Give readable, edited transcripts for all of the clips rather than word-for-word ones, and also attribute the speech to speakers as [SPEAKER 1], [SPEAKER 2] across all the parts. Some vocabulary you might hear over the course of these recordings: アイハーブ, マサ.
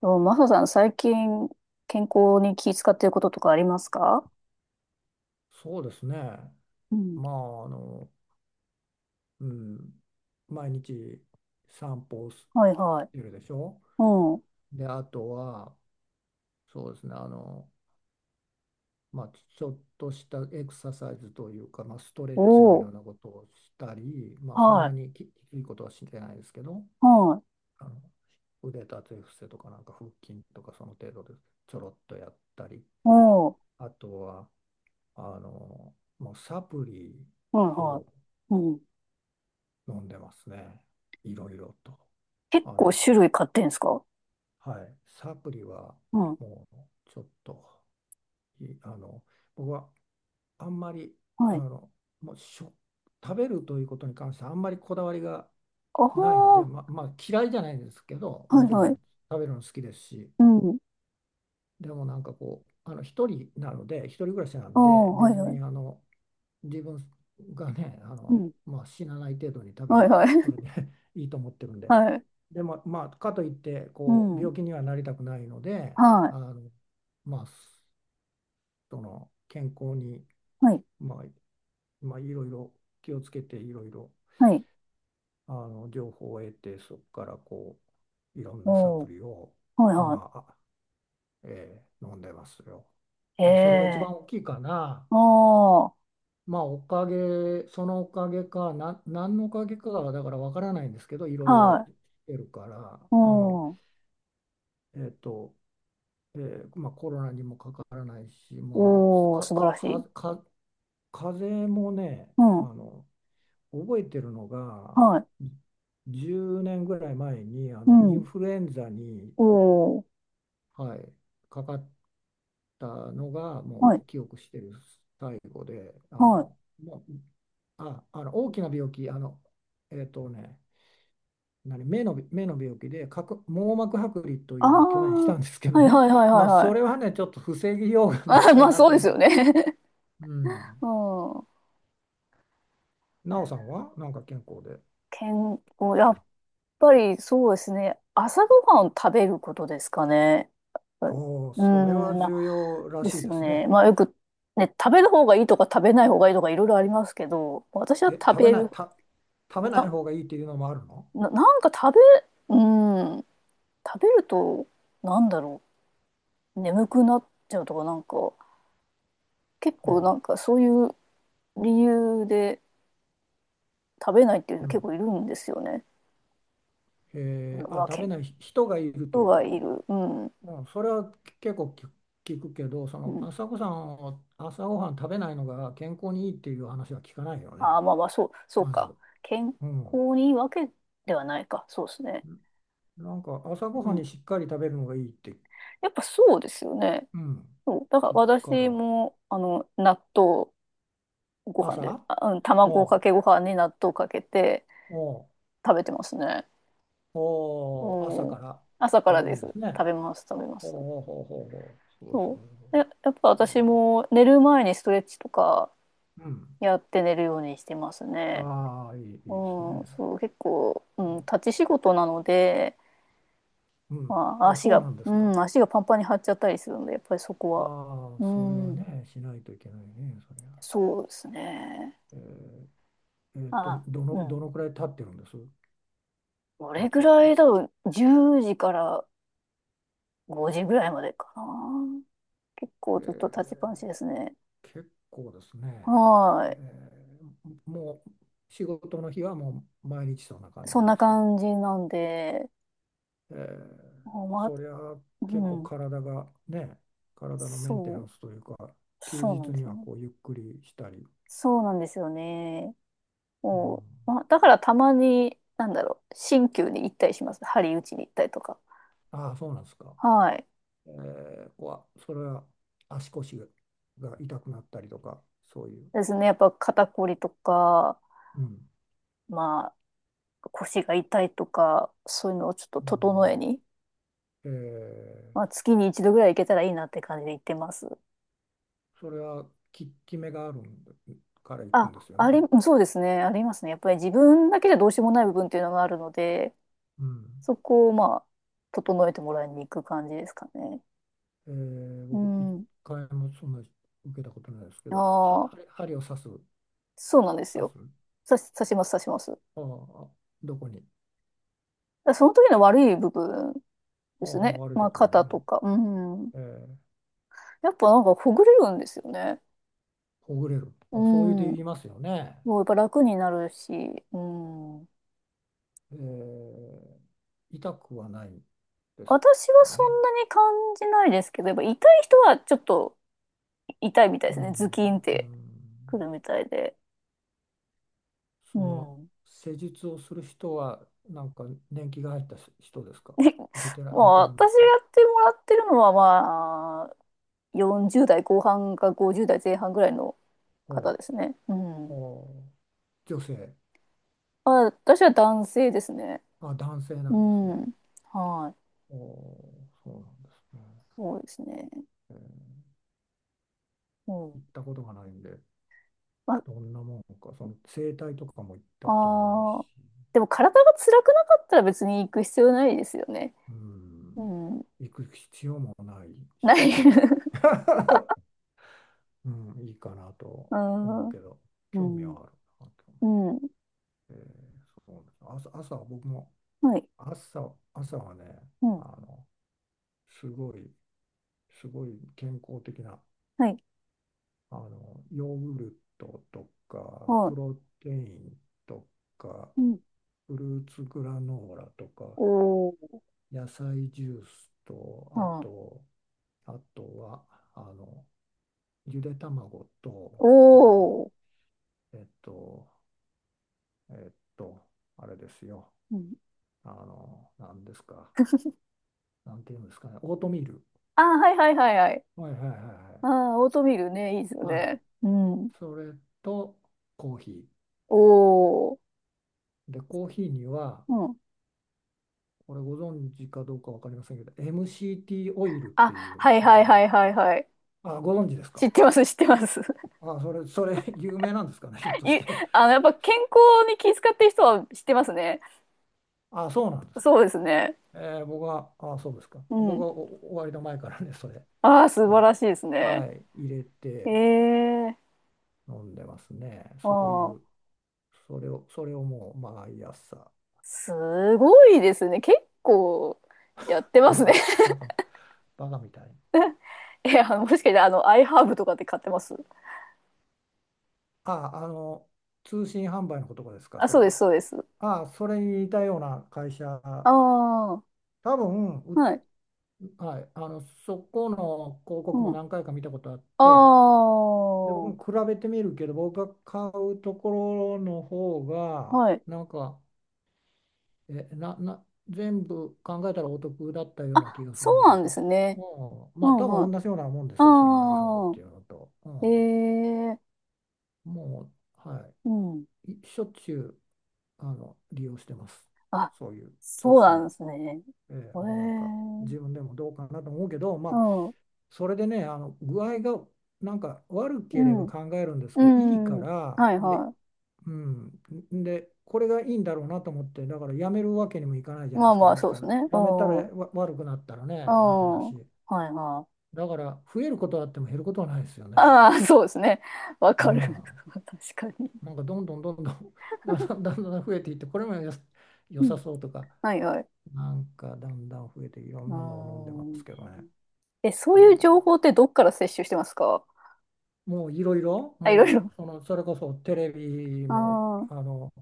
[SPEAKER 1] と、マサさん、最近、健康に気遣っていることとかありますか？
[SPEAKER 2] そうですね。
[SPEAKER 1] うん、
[SPEAKER 2] まあ、あの、うん、毎日散歩をし
[SPEAKER 1] はいはい。
[SPEAKER 2] てるでしょ。
[SPEAKER 1] うん。
[SPEAKER 2] で、あとは、そうですね、あの、まあ、ちょっとしたエクササイズというか、まあ、ストレッチの
[SPEAKER 1] お
[SPEAKER 2] ような
[SPEAKER 1] ー。
[SPEAKER 2] ことをしたり、まあ、そん
[SPEAKER 1] は
[SPEAKER 2] な
[SPEAKER 1] い。
[SPEAKER 2] にきついことはしてないですけど、
[SPEAKER 1] はい。
[SPEAKER 2] あの、腕立て伏せとか、なんか腹筋とか、その程度でちょろっとやったり、
[SPEAKER 1] おー。
[SPEAKER 2] あとは、あの、もうサプリ
[SPEAKER 1] はいは
[SPEAKER 2] を
[SPEAKER 1] い。うん。
[SPEAKER 2] 飲んでますね。いろいろと。
[SPEAKER 1] 結
[SPEAKER 2] あ
[SPEAKER 1] 構
[SPEAKER 2] の、
[SPEAKER 1] 種類買ってんすか？
[SPEAKER 2] はい。サプリは
[SPEAKER 1] うん。
[SPEAKER 2] もうちょっと、いあの、僕はあんまり、
[SPEAKER 1] は
[SPEAKER 2] あ
[SPEAKER 1] い。
[SPEAKER 2] の、もうしょ、食べるということに関してあんまりこだわりが
[SPEAKER 1] あ
[SPEAKER 2] ないので、
[SPEAKER 1] は
[SPEAKER 2] まあ嫌いじゃないんですけど、
[SPEAKER 1] ー。は
[SPEAKER 2] もちろん
[SPEAKER 1] いはい。
[SPEAKER 2] 食べるの好きですし、
[SPEAKER 1] うん、
[SPEAKER 2] でもなんかこう、あの、一人なので、一人暮らしな
[SPEAKER 1] あー。
[SPEAKER 2] んで、
[SPEAKER 1] はい
[SPEAKER 2] 別
[SPEAKER 1] はい。
[SPEAKER 2] にあの、自分がね、あ
[SPEAKER 1] う
[SPEAKER 2] の、
[SPEAKER 1] ん。
[SPEAKER 2] まあ死なない程度に食べれ
[SPEAKER 1] はいは
[SPEAKER 2] ばそれ
[SPEAKER 1] い。
[SPEAKER 2] で いいと思ってるん で、
[SPEAKER 1] はい。
[SPEAKER 2] でも、まあ、かといって
[SPEAKER 1] う
[SPEAKER 2] こう
[SPEAKER 1] ん。
[SPEAKER 2] 病気にはなりたくないので、
[SPEAKER 1] はい。
[SPEAKER 2] あのまあ、その健康に、
[SPEAKER 1] はい。
[SPEAKER 2] まあいろいろ気をつけていろいろ
[SPEAKER 1] はい。
[SPEAKER 2] あの情報を得て、そこからこういろんなサ
[SPEAKER 1] お
[SPEAKER 2] プ
[SPEAKER 1] ー。
[SPEAKER 2] リを、
[SPEAKER 1] はいは
[SPEAKER 2] まあ飲んでますよ。
[SPEAKER 1] い。え
[SPEAKER 2] まあ、それが一
[SPEAKER 1] え
[SPEAKER 2] 番大きいかな。
[SPEAKER 1] ー。あー。
[SPEAKER 2] まあおかげ、そのおかげかな、何のおかげかはだからわからないんですけど、いろいろ
[SPEAKER 1] はい。
[SPEAKER 2] してるから、
[SPEAKER 1] うん。
[SPEAKER 2] えっとコロナにもかからないし、まあ、
[SPEAKER 1] おー。
[SPEAKER 2] か、
[SPEAKER 1] 素晴
[SPEAKER 2] か、
[SPEAKER 1] らし
[SPEAKER 2] か、
[SPEAKER 1] い。
[SPEAKER 2] か風邪もね、
[SPEAKER 1] う
[SPEAKER 2] あ
[SPEAKER 1] ん。
[SPEAKER 2] の、覚えてるのが、
[SPEAKER 1] はい。
[SPEAKER 2] 10年ぐらい前に、あ
[SPEAKER 1] う
[SPEAKER 2] の、イン
[SPEAKER 1] ん。
[SPEAKER 2] フルエンザに、
[SPEAKER 1] おー、
[SPEAKER 2] はい、かかったのが、
[SPEAKER 1] は
[SPEAKER 2] も
[SPEAKER 1] い、
[SPEAKER 2] う記憶してる最後で、あ
[SPEAKER 1] はい。
[SPEAKER 2] の、もう、大きな病気、えっとね、目の、目の病気で角網膜剥離と
[SPEAKER 1] あ
[SPEAKER 2] い
[SPEAKER 1] あ、
[SPEAKER 2] うのを去年したんですけど
[SPEAKER 1] はい
[SPEAKER 2] ね、
[SPEAKER 1] はいはい は
[SPEAKER 2] ま
[SPEAKER 1] い
[SPEAKER 2] あ、
[SPEAKER 1] は
[SPEAKER 2] そ
[SPEAKER 1] い。
[SPEAKER 2] れは ね、ちょっと防ぎようがない
[SPEAKER 1] あ
[SPEAKER 2] か
[SPEAKER 1] まあ
[SPEAKER 2] な
[SPEAKER 1] そう
[SPEAKER 2] と
[SPEAKER 1] です
[SPEAKER 2] 思っ
[SPEAKER 1] よね。
[SPEAKER 2] て、うん、
[SPEAKER 1] うん。
[SPEAKER 2] な
[SPEAKER 1] え
[SPEAKER 2] おさんはなんか健康で、
[SPEAKER 1] 健康、や
[SPEAKER 2] お
[SPEAKER 1] っぱりそうですね。朝ごはんを食べることですかね。やっぱり
[SPEAKER 2] おお、
[SPEAKER 1] う
[SPEAKER 2] それは
[SPEAKER 1] ん、な
[SPEAKER 2] 重要ら
[SPEAKER 1] で
[SPEAKER 2] しい
[SPEAKER 1] す
[SPEAKER 2] で
[SPEAKER 1] よ
[SPEAKER 2] す
[SPEAKER 1] ね。
[SPEAKER 2] ね。
[SPEAKER 1] まあよく、ね、食べる方がいいとか食べない方がいいとかいろいろありますけど、私は
[SPEAKER 2] え、
[SPEAKER 1] 食べる、
[SPEAKER 2] 食べない
[SPEAKER 1] な、
[SPEAKER 2] 方がいいっていうのもあるの、
[SPEAKER 1] なんか食べ、うん、食べると、なんだろう、眠くなっちゃうとかなんか、結構
[SPEAKER 2] は
[SPEAKER 1] なんかそういう理由で、食べないっていう人
[SPEAKER 2] う
[SPEAKER 1] 結
[SPEAKER 2] ん。
[SPEAKER 1] 構いるんですよね。
[SPEAKER 2] えー、
[SPEAKER 1] ま
[SPEAKER 2] あ、
[SPEAKER 1] あ、
[SPEAKER 2] 食べ
[SPEAKER 1] 健
[SPEAKER 2] ない人がいると
[SPEAKER 1] 康
[SPEAKER 2] いうこ
[SPEAKER 1] がい
[SPEAKER 2] と、
[SPEAKER 1] る。うん。
[SPEAKER 2] うん、それは結構聞くけど、そ
[SPEAKER 1] う
[SPEAKER 2] の
[SPEAKER 1] ん、
[SPEAKER 2] 朝ごはん食べないのが健康にいいっていう話は聞かないよ
[SPEAKER 1] あ
[SPEAKER 2] ね、
[SPEAKER 1] あ、まあまあ、そう、そう
[SPEAKER 2] ま
[SPEAKER 1] か。
[SPEAKER 2] ず。
[SPEAKER 1] 健
[SPEAKER 2] うん、
[SPEAKER 1] 康にいいわけではないか。そうですね。
[SPEAKER 2] なんか朝ご
[SPEAKER 1] う
[SPEAKER 2] はん
[SPEAKER 1] ん。
[SPEAKER 2] にしっかり食べるのがいいって、
[SPEAKER 1] やっぱそうですよね。
[SPEAKER 2] うん、
[SPEAKER 1] そう。だから
[SPEAKER 2] 聞くか
[SPEAKER 1] 私
[SPEAKER 2] ら。
[SPEAKER 1] も、あの、納豆ご飯で、
[SPEAKER 2] 朝
[SPEAKER 1] あ、うん、卵
[SPEAKER 2] お
[SPEAKER 1] か
[SPEAKER 2] う
[SPEAKER 1] けご飯に納豆かけて
[SPEAKER 2] おう
[SPEAKER 1] 食べてますね。
[SPEAKER 2] おう朝
[SPEAKER 1] うん。
[SPEAKER 2] から
[SPEAKER 1] 朝か
[SPEAKER 2] 食
[SPEAKER 1] ら
[SPEAKER 2] べ
[SPEAKER 1] で
[SPEAKER 2] るんで
[SPEAKER 1] す。
[SPEAKER 2] す
[SPEAKER 1] 食
[SPEAKER 2] ね。
[SPEAKER 1] べます、食べま
[SPEAKER 2] ほう
[SPEAKER 1] す。
[SPEAKER 2] ほうほうほうほう。そうそ
[SPEAKER 1] そ
[SPEAKER 2] うそ
[SPEAKER 1] う。で、やっぱ
[SPEAKER 2] う。え
[SPEAKER 1] 私
[SPEAKER 2] ー、
[SPEAKER 1] も寝る前にストレッチとか
[SPEAKER 2] うん。
[SPEAKER 1] やって寝るようにしてますね。
[SPEAKER 2] ああ、いい、
[SPEAKER 1] う
[SPEAKER 2] いいです
[SPEAKER 1] ん、
[SPEAKER 2] ね。
[SPEAKER 1] そう、結構、うん、
[SPEAKER 2] ええ、
[SPEAKER 1] 立ち仕事なので、
[SPEAKER 2] うん。
[SPEAKER 1] まあ、
[SPEAKER 2] あ、
[SPEAKER 1] 足
[SPEAKER 2] そう
[SPEAKER 1] が、
[SPEAKER 2] なんで
[SPEAKER 1] う
[SPEAKER 2] すか。
[SPEAKER 1] ん、足がパンパンに張っちゃったりするので、やっぱりそこは、
[SPEAKER 2] ああ、
[SPEAKER 1] う
[SPEAKER 2] それは
[SPEAKER 1] ん、
[SPEAKER 2] ね、しないといけないね、そりゃ。
[SPEAKER 1] そうですね。
[SPEAKER 2] え、
[SPEAKER 1] あ、うん。
[SPEAKER 2] どのくらい経ってるんです、
[SPEAKER 1] ど
[SPEAKER 2] 経
[SPEAKER 1] れぐ
[SPEAKER 2] つっ
[SPEAKER 1] ら
[SPEAKER 2] て。
[SPEAKER 1] いだろう、10時から5時ぐらいまでかな。結構ずっと立ちっぱ
[SPEAKER 2] ええ、
[SPEAKER 1] なしですね。
[SPEAKER 2] 結構ですね。
[SPEAKER 1] はい。
[SPEAKER 2] えー、もう仕事の日はもう毎日そんな感じ
[SPEAKER 1] そん
[SPEAKER 2] なん
[SPEAKER 1] な
[SPEAKER 2] ですか。
[SPEAKER 1] 感じなんで、
[SPEAKER 2] えー、
[SPEAKER 1] まあ、
[SPEAKER 2] そりゃ
[SPEAKER 1] う
[SPEAKER 2] 結構
[SPEAKER 1] ん、
[SPEAKER 2] 体がね、体のメンテ
[SPEAKER 1] そ
[SPEAKER 2] ナ
[SPEAKER 1] う、
[SPEAKER 2] ンスというか、休
[SPEAKER 1] そうなん
[SPEAKER 2] 日
[SPEAKER 1] で
[SPEAKER 2] に
[SPEAKER 1] すよ
[SPEAKER 2] は
[SPEAKER 1] ね。
[SPEAKER 2] こうゆっくりしたり、
[SPEAKER 1] そうなんですよね。
[SPEAKER 2] うん、
[SPEAKER 1] もう、まあ、だからたまに、なんだろう、鍼灸に行ったりします。針打ちに行ったりとか。
[SPEAKER 2] ああ、そうなんですか。
[SPEAKER 1] はい。
[SPEAKER 2] えー、こわ、それは足腰が痛くなったりとか、そういう。
[SPEAKER 1] ですね。やっぱ肩こりとか、
[SPEAKER 2] うん。
[SPEAKER 1] まあ、腰が痛いとか、そういうのをちょっと
[SPEAKER 2] う
[SPEAKER 1] 整え
[SPEAKER 2] ん、
[SPEAKER 1] に、
[SPEAKER 2] えー、
[SPEAKER 1] まあ、月に一度ぐらい行けたらいいなって感じで行ってます。
[SPEAKER 2] それは効き目があるんでから行くん
[SPEAKER 1] あ、
[SPEAKER 2] ですよ
[SPEAKER 1] あり、
[SPEAKER 2] ね。
[SPEAKER 1] そうですね。ありますね。やっぱり自分だけじゃどうしようもない部分っていうのがあるので、
[SPEAKER 2] うん。
[SPEAKER 1] そこをまあ、整えてもらいに行く感じですかね。
[SPEAKER 2] えー、
[SPEAKER 1] う
[SPEAKER 2] 僕、一
[SPEAKER 1] ん。
[SPEAKER 2] 回もそんな受けたことないですけ
[SPEAKER 1] あ
[SPEAKER 2] ど、は、
[SPEAKER 1] あ、
[SPEAKER 2] 針を刺す、
[SPEAKER 1] そうなんです
[SPEAKER 2] 刺
[SPEAKER 1] よ。
[SPEAKER 2] す、
[SPEAKER 1] 刺します、刺します。
[SPEAKER 2] ああ、どこに、
[SPEAKER 1] らその時の悪い部分
[SPEAKER 2] あ
[SPEAKER 1] で
[SPEAKER 2] あ、
[SPEAKER 1] すね。
[SPEAKER 2] 悪い
[SPEAKER 1] ま
[SPEAKER 2] と
[SPEAKER 1] あ、
[SPEAKER 2] ころに
[SPEAKER 1] 肩
[SPEAKER 2] ね、
[SPEAKER 1] とか。うん。
[SPEAKER 2] えー、
[SPEAKER 1] やっぱなんかほぐれるんですよね。
[SPEAKER 2] ほぐれる、
[SPEAKER 1] う
[SPEAKER 2] あ、そういうて
[SPEAKER 1] ん。
[SPEAKER 2] 言いますよね。
[SPEAKER 1] もうやっぱ楽になるし。うん。
[SPEAKER 2] えー、痛くはないです
[SPEAKER 1] 私は
[SPEAKER 2] か
[SPEAKER 1] そ
[SPEAKER 2] ね。
[SPEAKER 1] んなに感じないですけど、やっぱ痛い人はちょっと痛いみたいで
[SPEAKER 2] う
[SPEAKER 1] すね。
[SPEAKER 2] ん、
[SPEAKER 1] ズキンっ
[SPEAKER 2] う
[SPEAKER 1] てく
[SPEAKER 2] ん、
[SPEAKER 1] るみたいで。う
[SPEAKER 2] その
[SPEAKER 1] ん。
[SPEAKER 2] 施術をする人は、なんか年季が入った人ですか。
[SPEAKER 1] で、
[SPEAKER 2] ベテラ
[SPEAKER 1] ま
[SPEAKER 2] ン、
[SPEAKER 1] あ
[SPEAKER 2] ベテランの
[SPEAKER 1] 私が
[SPEAKER 2] 人。
[SPEAKER 1] やってもらってるのはまあ、40代後半か50代前半ぐらいの方
[SPEAKER 2] ほう、
[SPEAKER 1] ですね。うん。
[SPEAKER 2] ほう、女性、
[SPEAKER 1] まあ、私は男性ですね。
[SPEAKER 2] あ、男性な
[SPEAKER 1] う
[SPEAKER 2] んですね。
[SPEAKER 1] ん。はい。
[SPEAKER 2] おお、そうなんですね。
[SPEAKER 1] そうですね。
[SPEAKER 2] えー、
[SPEAKER 1] う
[SPEAKER 2] 行
[SPEAKER 1] ん。
[SPEAKER 2] ったことがないんで、
[SPEAKER 1] ま、
[SPEAKER 2] どんなもんか、その整体とかも行ったこともないし、
[SPEAKER 1] ああ、でも体が辛くなかったら別に行く必要ないですよね。
[SPEAKER 2] うん、
[SPEAKER 1] うん。
[SPEAKER 2] 行く必要もない
[SPEAKER 1] ない。
[SPEAKER 2] し、うん、いいかな
[SPEAKER 1] う
[SPEAKER 2] と思
[SPEAKER 1] ん。
[SPEAKER 2] うけど、
[SPEAKER 1] う
[SPEAKER 2] 興味は
[SPEAKER 1] ん。
[SPEAKER 2] あるな。興味、
[SPEAKER 1] うん。
[SPEAKER 2] えー、そうなんです。朝は僕も
[SPEAKER 1] はい。
[SPEAKER 2] 朝はね、
[SPEAKER 1] う
[SPEAKER 2] あ
[SPEAKER 1] ん。
[SPEAKER 2] の、すごい、すごい健康的な、
[SPEAKER 1] はい。
[SPEAKER 2] あの、ヨーグルトとか、
[SPEAKER 1] は
[SPEAKER 2] プ
[SPEAKER 1] い。
[SPEAKER 2] ロテインとか、
[SPEAKER 1] うん。
[SPEAKER 2] フルーツグラノーラとか、
[SPEAKER 1] おー。
[SPEAKER 2] 野菜ジュースと、
[SPEAKER 1] あ
[SPEAKER 2] あ
[SPEAKER 1] あ。
[SPEAKER 2] と、あとは、あの、ゆで卵と、
[SPEAKER 1] お
[SPEAKER 2] から、
[SPEAKER 1] お。
[SPEAKER 2] えっと、えっと、あれですよ。
[SPEAKER 1] うん。
[SPEAKER 2] あの、なんですか。なんていうんですかね。オートミール。
[SPEAKER 1] ああ、はいはいはいはい。
[SPEAKER 2] はいはいは
[SPEAKER 1] あ
[SPEAKER 2] い
[SPEAKER 1] あ、オートミールね、いいですよ
[SPEAKER 2] はい。はい。
[SPEAKER 1] ね。うん。
[SPEAKER 2] それと、コーヒ
[SPEAKER 1] おお。
[SPEAKER 2] ー。で、コーヒーには、
[SPEAKER 1] うん。
[SPEAKER 2] これご存知かどうかわかりませんけど、MCT オイルっ
[SPEAKER 1] あ、
[SPEAKER 2] ていう、
[SPEAKER 1] はいはいはいはいはい。
[SPEAKER 2] あ、ご存知です
[SPEAKER 1] 知
[SPEAKER 2] か、
[SPEAKER 1] ってます、知ってます。
[SPEAKER 2] あ、それ、それ、有名なんですかね、ひょっとし
[SPEAKER 1] い、
[SPEAKER 2] て。
[SPEAKER 1] あの、やっぱ健康に気遣ってる人は知ってますね。
[SPEAKER 2] あ、そうなんですか。
[SPEAKER 1] そうですね。
[SPEAKER 2] えー、僕は、あ、そうですか。
[SPEAKER 1] う
[SPEAKER 2] 僕
[SPEAKER 1] ん。
[SPEAKER 2] はお終わりの前からね、それ
[SPEAKER 1] ああ、素晴
[SPEAKER 2] を、
[SPEAKER 1] らしいです
[SPEAKER 2] は
[SPEAKER 1] ね。
[SPEAKER 2] い、入れ
[SPEAKER 1] え
[SPEAKER 2] て
[SPEAKER 1] え
[SPEAKER 2] 飲んでますね。そうい
[SPEAKER 1] あ
[SPEAKER 2] う、
[SPEAKER 1] あ、
[SPEAKER 2] それをもう毎朝、
[SPEAKER 1] すごいですね。結構やってま
[SPEAKER 2] バ
[SPEAKER 1] すね。
[SPEAKER 2] カ、バカ、バカみたいに。
[SPEAKER 1] え、あの、もしかして、あの、アイハーブとかって買ってます？
[SPEAKER 2] あ、あの、通信販売のことですか、
[SPEAKER 1] あ、
[SPEAKER 2] そ
[SPEAKER 1] そ
[SPEAKER 2] れ
[SPEAKER 1] うです、
[SPEAKER 2] は。
[SPEAKER 1] そうです。
[SPEAKER 2] あ、それに似たような会
[SPEAKER 1] あ
[SPEAKER 2] 社、
[SPEAKER 1] あ、
[SPEAKER 2] 多分、う、
[SPEAKER 1] はい。
[SPEAKER 2] はい、あの、そこの広告
[SPEAKER 1] う
[SPEAKER 2] も
[SPEAKER 1] ん。
[SPEAKER 2] 何回か見たことあっ
[SPEAKER 1] あ
[SPEAKER 2] て、で、僕
[SPEAKER 1] あ、は
[SPEAKER 2] も比べてみるけど、僕が買うところの方が、
[SPEAKER 1] い。
[SPEAKER 2] なんか、え、な、な、全部考えたらお得だったような気
[SPEAKER 1] あ、
[SPEAKER 2] がす
[SPEAKER 1] そ
[SPEAKER 2] るん
[SPEAKER 1] うな
[SPEAKER 2] で
[SPEAKER 1] ん
[SPEAKER 2] す。
[SPEAKER 1] で
[SPEAKER 2] うん、
[SPEAKER 1] すね。う
[SPEAKER 2] まあ、
[SPEAKER 1] ん、
[SPEAKER 2] 多
[SPEAKER 1] は
[SPEAKER 2] 分
[SPEAKER 1] い。
[SPEAKER 2] 同じようなもんですよ、そのアイハブっ
[SPEAKER 1] あ
[SPEAKER 2] ていうのと。う
[SPEAKER 1] あ、え
[SPEAKER 2] ん、
[SPEAKER 1] え
[SPEAKER 2] もう、は
[SPEAKER 1] うん。
[SPEAKER 2] い。しょっちゅう、あの、利用してます。
[SPEAKER 1] あ、
[SPEAKER 2] そういう通
[SPEAKER 1] そうなん
[SPEAKER 2] 信。
[SPEAKER 1] ですね。
[SPEAKER 2] え
[SPEAKER 1] え
[SPEAKER 2] ー、もうなんか自
[SPEAKER 1] え
[SPEAKER 2] 分でもどうかなと思うけど、ま
[SPEAKER 1] う
[SPEAKER 2] あ、
[SPEAKER 1] ん、
[SPEAKER 2] それでね、あの具合がなんか悪
[SPEAKER 1] う
[SPEAKER 2] ければ
[SPEAKER 1] ん、
[SPEAKER 2] 考えるんですけど、いいか
[SPEAKER 1] うん。
[SPEAKER 2] ら、
[SPEAKER 1] はい、
[SPEAKER 2] で、
[SPEAKER 1] はい。
[SPEAKER 2] うん、で、これがいいんだろうなと思って、だからやめるわけにもいかないじゃない
[SPEAKER 1] ま
[SPEAKER 2] で
[SPEAKER 1] あ
[SPEAKER 2] すか、
[SPEAKER 1] まあ、
[SPEAKER 2] いい
[SPEAKER 1] そう
[SPEAKER 2] か
[SPEAKER 1] です
[SPEAKER 2] ら。
[SPEAKER 1] ね。う
[SPEAKER 2] やめたら、
[SPEAKER 1] ん。うん。
[SPEAKER 2] わ、悪くなったらね、あれだ
[SPEAKER 1] は
[SPEAKER 2] し、
[SPEAKER 1] いはい。
[SPEAKER 2] だから増えることはあっても減ることはないですよね。
[SPEAKER 1] ああ、そうですね。わ
[SPEAKER 2] う
[SPEAKER 1] かる。
[SPEAKER 2] ん、
[SPEAKER 1] 確かに。
[SPEAKER 2] なんかどんどんどんどん だんだんだんだん増えていって、これもよ
[SPEAKER 1] う
[SPEAKER 2] 良
[SPEAKER 1] ん。
[SPEAKER 2] さそうとか、
[SPEAKER 1] はいはい。
[SPEAKER 2] なんかだんだん増えていろ
[SPEAKER 1] う
[SPEAKER 2] ん
[SPEAKER 1] ー
[SPEAKER 2] なのを飲んでま
[SPEAKER 1] ん。
[SPEAKER 2] すけどね。
[SPEAKER 1] え、そう
[SPEAKER 2] う
[SPEAKER 1] いう
[SPEAKER 2] ん、
[SPEAKER 1] 情報ってどっから摂取してますか？
[SPEAKER 2] もういろいろ、
[SPEAKER 1] あ、い
[SPEAKER 2] も
[SPEAKER 1] ろい
[SPEAKER 2] う
[SPEAKER 1] ろ。
[SPEAKER 2] そのそれこそテレビも、
[SPEAKER 1] あ
[SPEAKER 2] あの、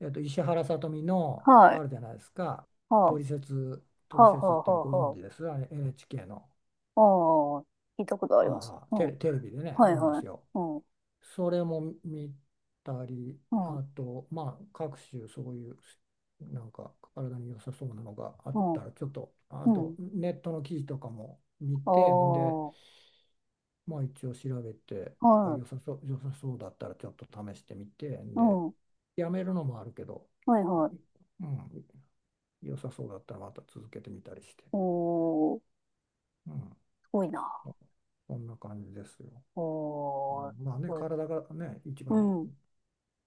[SPEAKER 2] えっと、石原さとみ
[SPEAKER 1] あ、
[SPEAKER 2] の
[SPEAKER 1] は
[SPEAKER 2] あ
[SPEAKER 1] い。
[SPEAKER 2] るじゃないですか
[SPEAKER 1] は
[SPEAKER 2] 「トリセツ」「ト
[SPEAKER 1] あ、
[SPEAKER 2] リ
[SPEAKER 1] はあ、
[SPEAKER 2] セツ」っ
[SPEAKER 1] はあ、
[SPEAKER 2] てご存
[SPEAKER 1] はあ、
[SPEAKER 2] 知です、あれ NHK の、
[SPEAKER 1] はあ。ああ、聞いたことあります。
[SPEAKER 2] ああ、
[SPEAKER 1] うん。
[SPEAKER 2] テレビでね
[SPEAKER 1] は
[SPEAKER 2] あ
[SPEAKER 1] い
[SPEAKER 2] るんで
[SPEAKER 1] は
[SPEAKER 2] す
[SPEAKER 1] い。
[SPEAKER 2] よ。
[SPEAKER 1] うん。
[SPEAKER 2] それも見たり、
[SPEAKER 1] うん。
[SPEAKER 2] あとまあ各種そういうなんか体に良さそうなのがあ
[SPEAKER 1] う
[SPEAKER 2] っ
[SPEAKER 1] ん。
[SPEAKER 2] たら、ちょっとあ
[SPEAKER 1] う
[SPEAKER 2] と
[SPEAKER 1] ん。
[SPEAKER 2] ネットの記事とかも見
[SPEAKER 1] あ
[SPEAKER 2] てんで、
[SPEAKER 1] あ、
[SPEAKER 2] まあ一応調べて、あ、
[SPEAKER 1] はい。
[SPEAKER 2] 良さそうだったらちょっと試してみて、
[SPEAKER 1] う
[SPEAKER 2] で、
[SPEAKER 1] ん。
[SPEAKER 2] やめるのもあるけど、
[SPEAKER 1] はい
[SPEAKER 2] い、
[SPEAKER 1] はい。
[SPEAKER 2] うん、良さそうだったらまた続けてみたりして、
[SPEAKER 1] おー、
[SPEAKER 2] うん、
[SPEAKER 1] すごいな。
[SPEAKER 2] そそんな感じですよ。う
[SPEAKER 1] おー、す
[SPEAKER 2] ん、まあね、
[SPEAKER 1] ごい。
[SPEAKER 2] 体がね、一
[SPEAKER 1] う
[SPEAKER 2] 番
[SPEAKER 1] ん。うん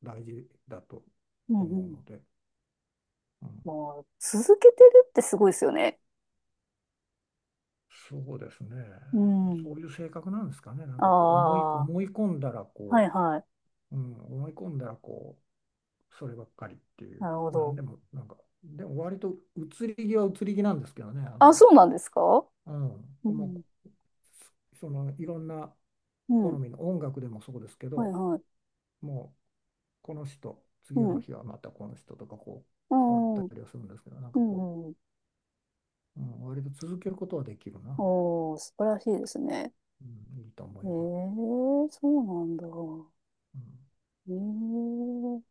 [SPEAKER 2] 大事だと
[SPEAKER 1] う
[SPEAKER 2] 思う
[SPEAKER 1] ん
[SPEAKER 2] ので、うん、
[SPEAKER 1] もう、続けてるってすごいですよね。
[SPEAKER 2] そうですね、
[SPEAKER 1] うん。
[SPEAKER 2] そういう性格なんですかね、なんか
[SPEAKER 1] あ
[SPEAKER 2] 思
[SPEAKER 1] あ、
[SPEAKER 2] い込んだら
[SPEAKER 1] はい
[SPEAKER 2] こ
[SPEAKER 1] はい。
[SPEAKER 2] う、うん、思い込んだらこそればっかりっていう、
[SPEAKER 1] なるほ
[SPEAKER 2] なん
[SPEAKER 1] ど。
[SPEAKER 2] でも、なんか、でも割と移り気は移り気なんですけどね、あ
[SPEAKER 1] あ、
[SPEAKER 2] の、
[SPEAKER 1] そうなんですか？
[SPEAKER 2] う
[SPEAKER 1] う
[SPEAKER 2] ん、も
[SPEAKER 1] ん。
[SPEAKER 2] う、そのいろんな
[SPEAKER 1] う
[SPEAKER 2] 好
[SPEAKER 1] ん。
[SPEAKER 2] みの音楽でもそうですけ
[SPEAKER 1] はい
[SPEAKER 2] ど、
[SPEAKER 1] はい。
[SPEAKER 2] もうこの人、
[SPEAKER 1] う
[SPEAKER 2] 次の
[SPEAKER 1] ん。
[SPEAKER 2] 日はまたこの人とかこ
[SPEAKER 1] う
[SPEAKER 2] う変わっ
[SPEAKER 1] ん。
[SPEAKER 2] た
[SPEAKER 1] う
[SPEAKER 2] りはするんですけど、なんかこ
[SPEAKER 1] ん。うん
[SPEAKER 2] う、うん、割と続けることはできるな、
[SPEAKER 1] おー、素晴らしいですね。
[SPEAKER 2] うん、いいと思えば。
[SPEAKER 1] ええそうなんだ。
[SPEAKER 2] うん
[SPEAKER 1] ええ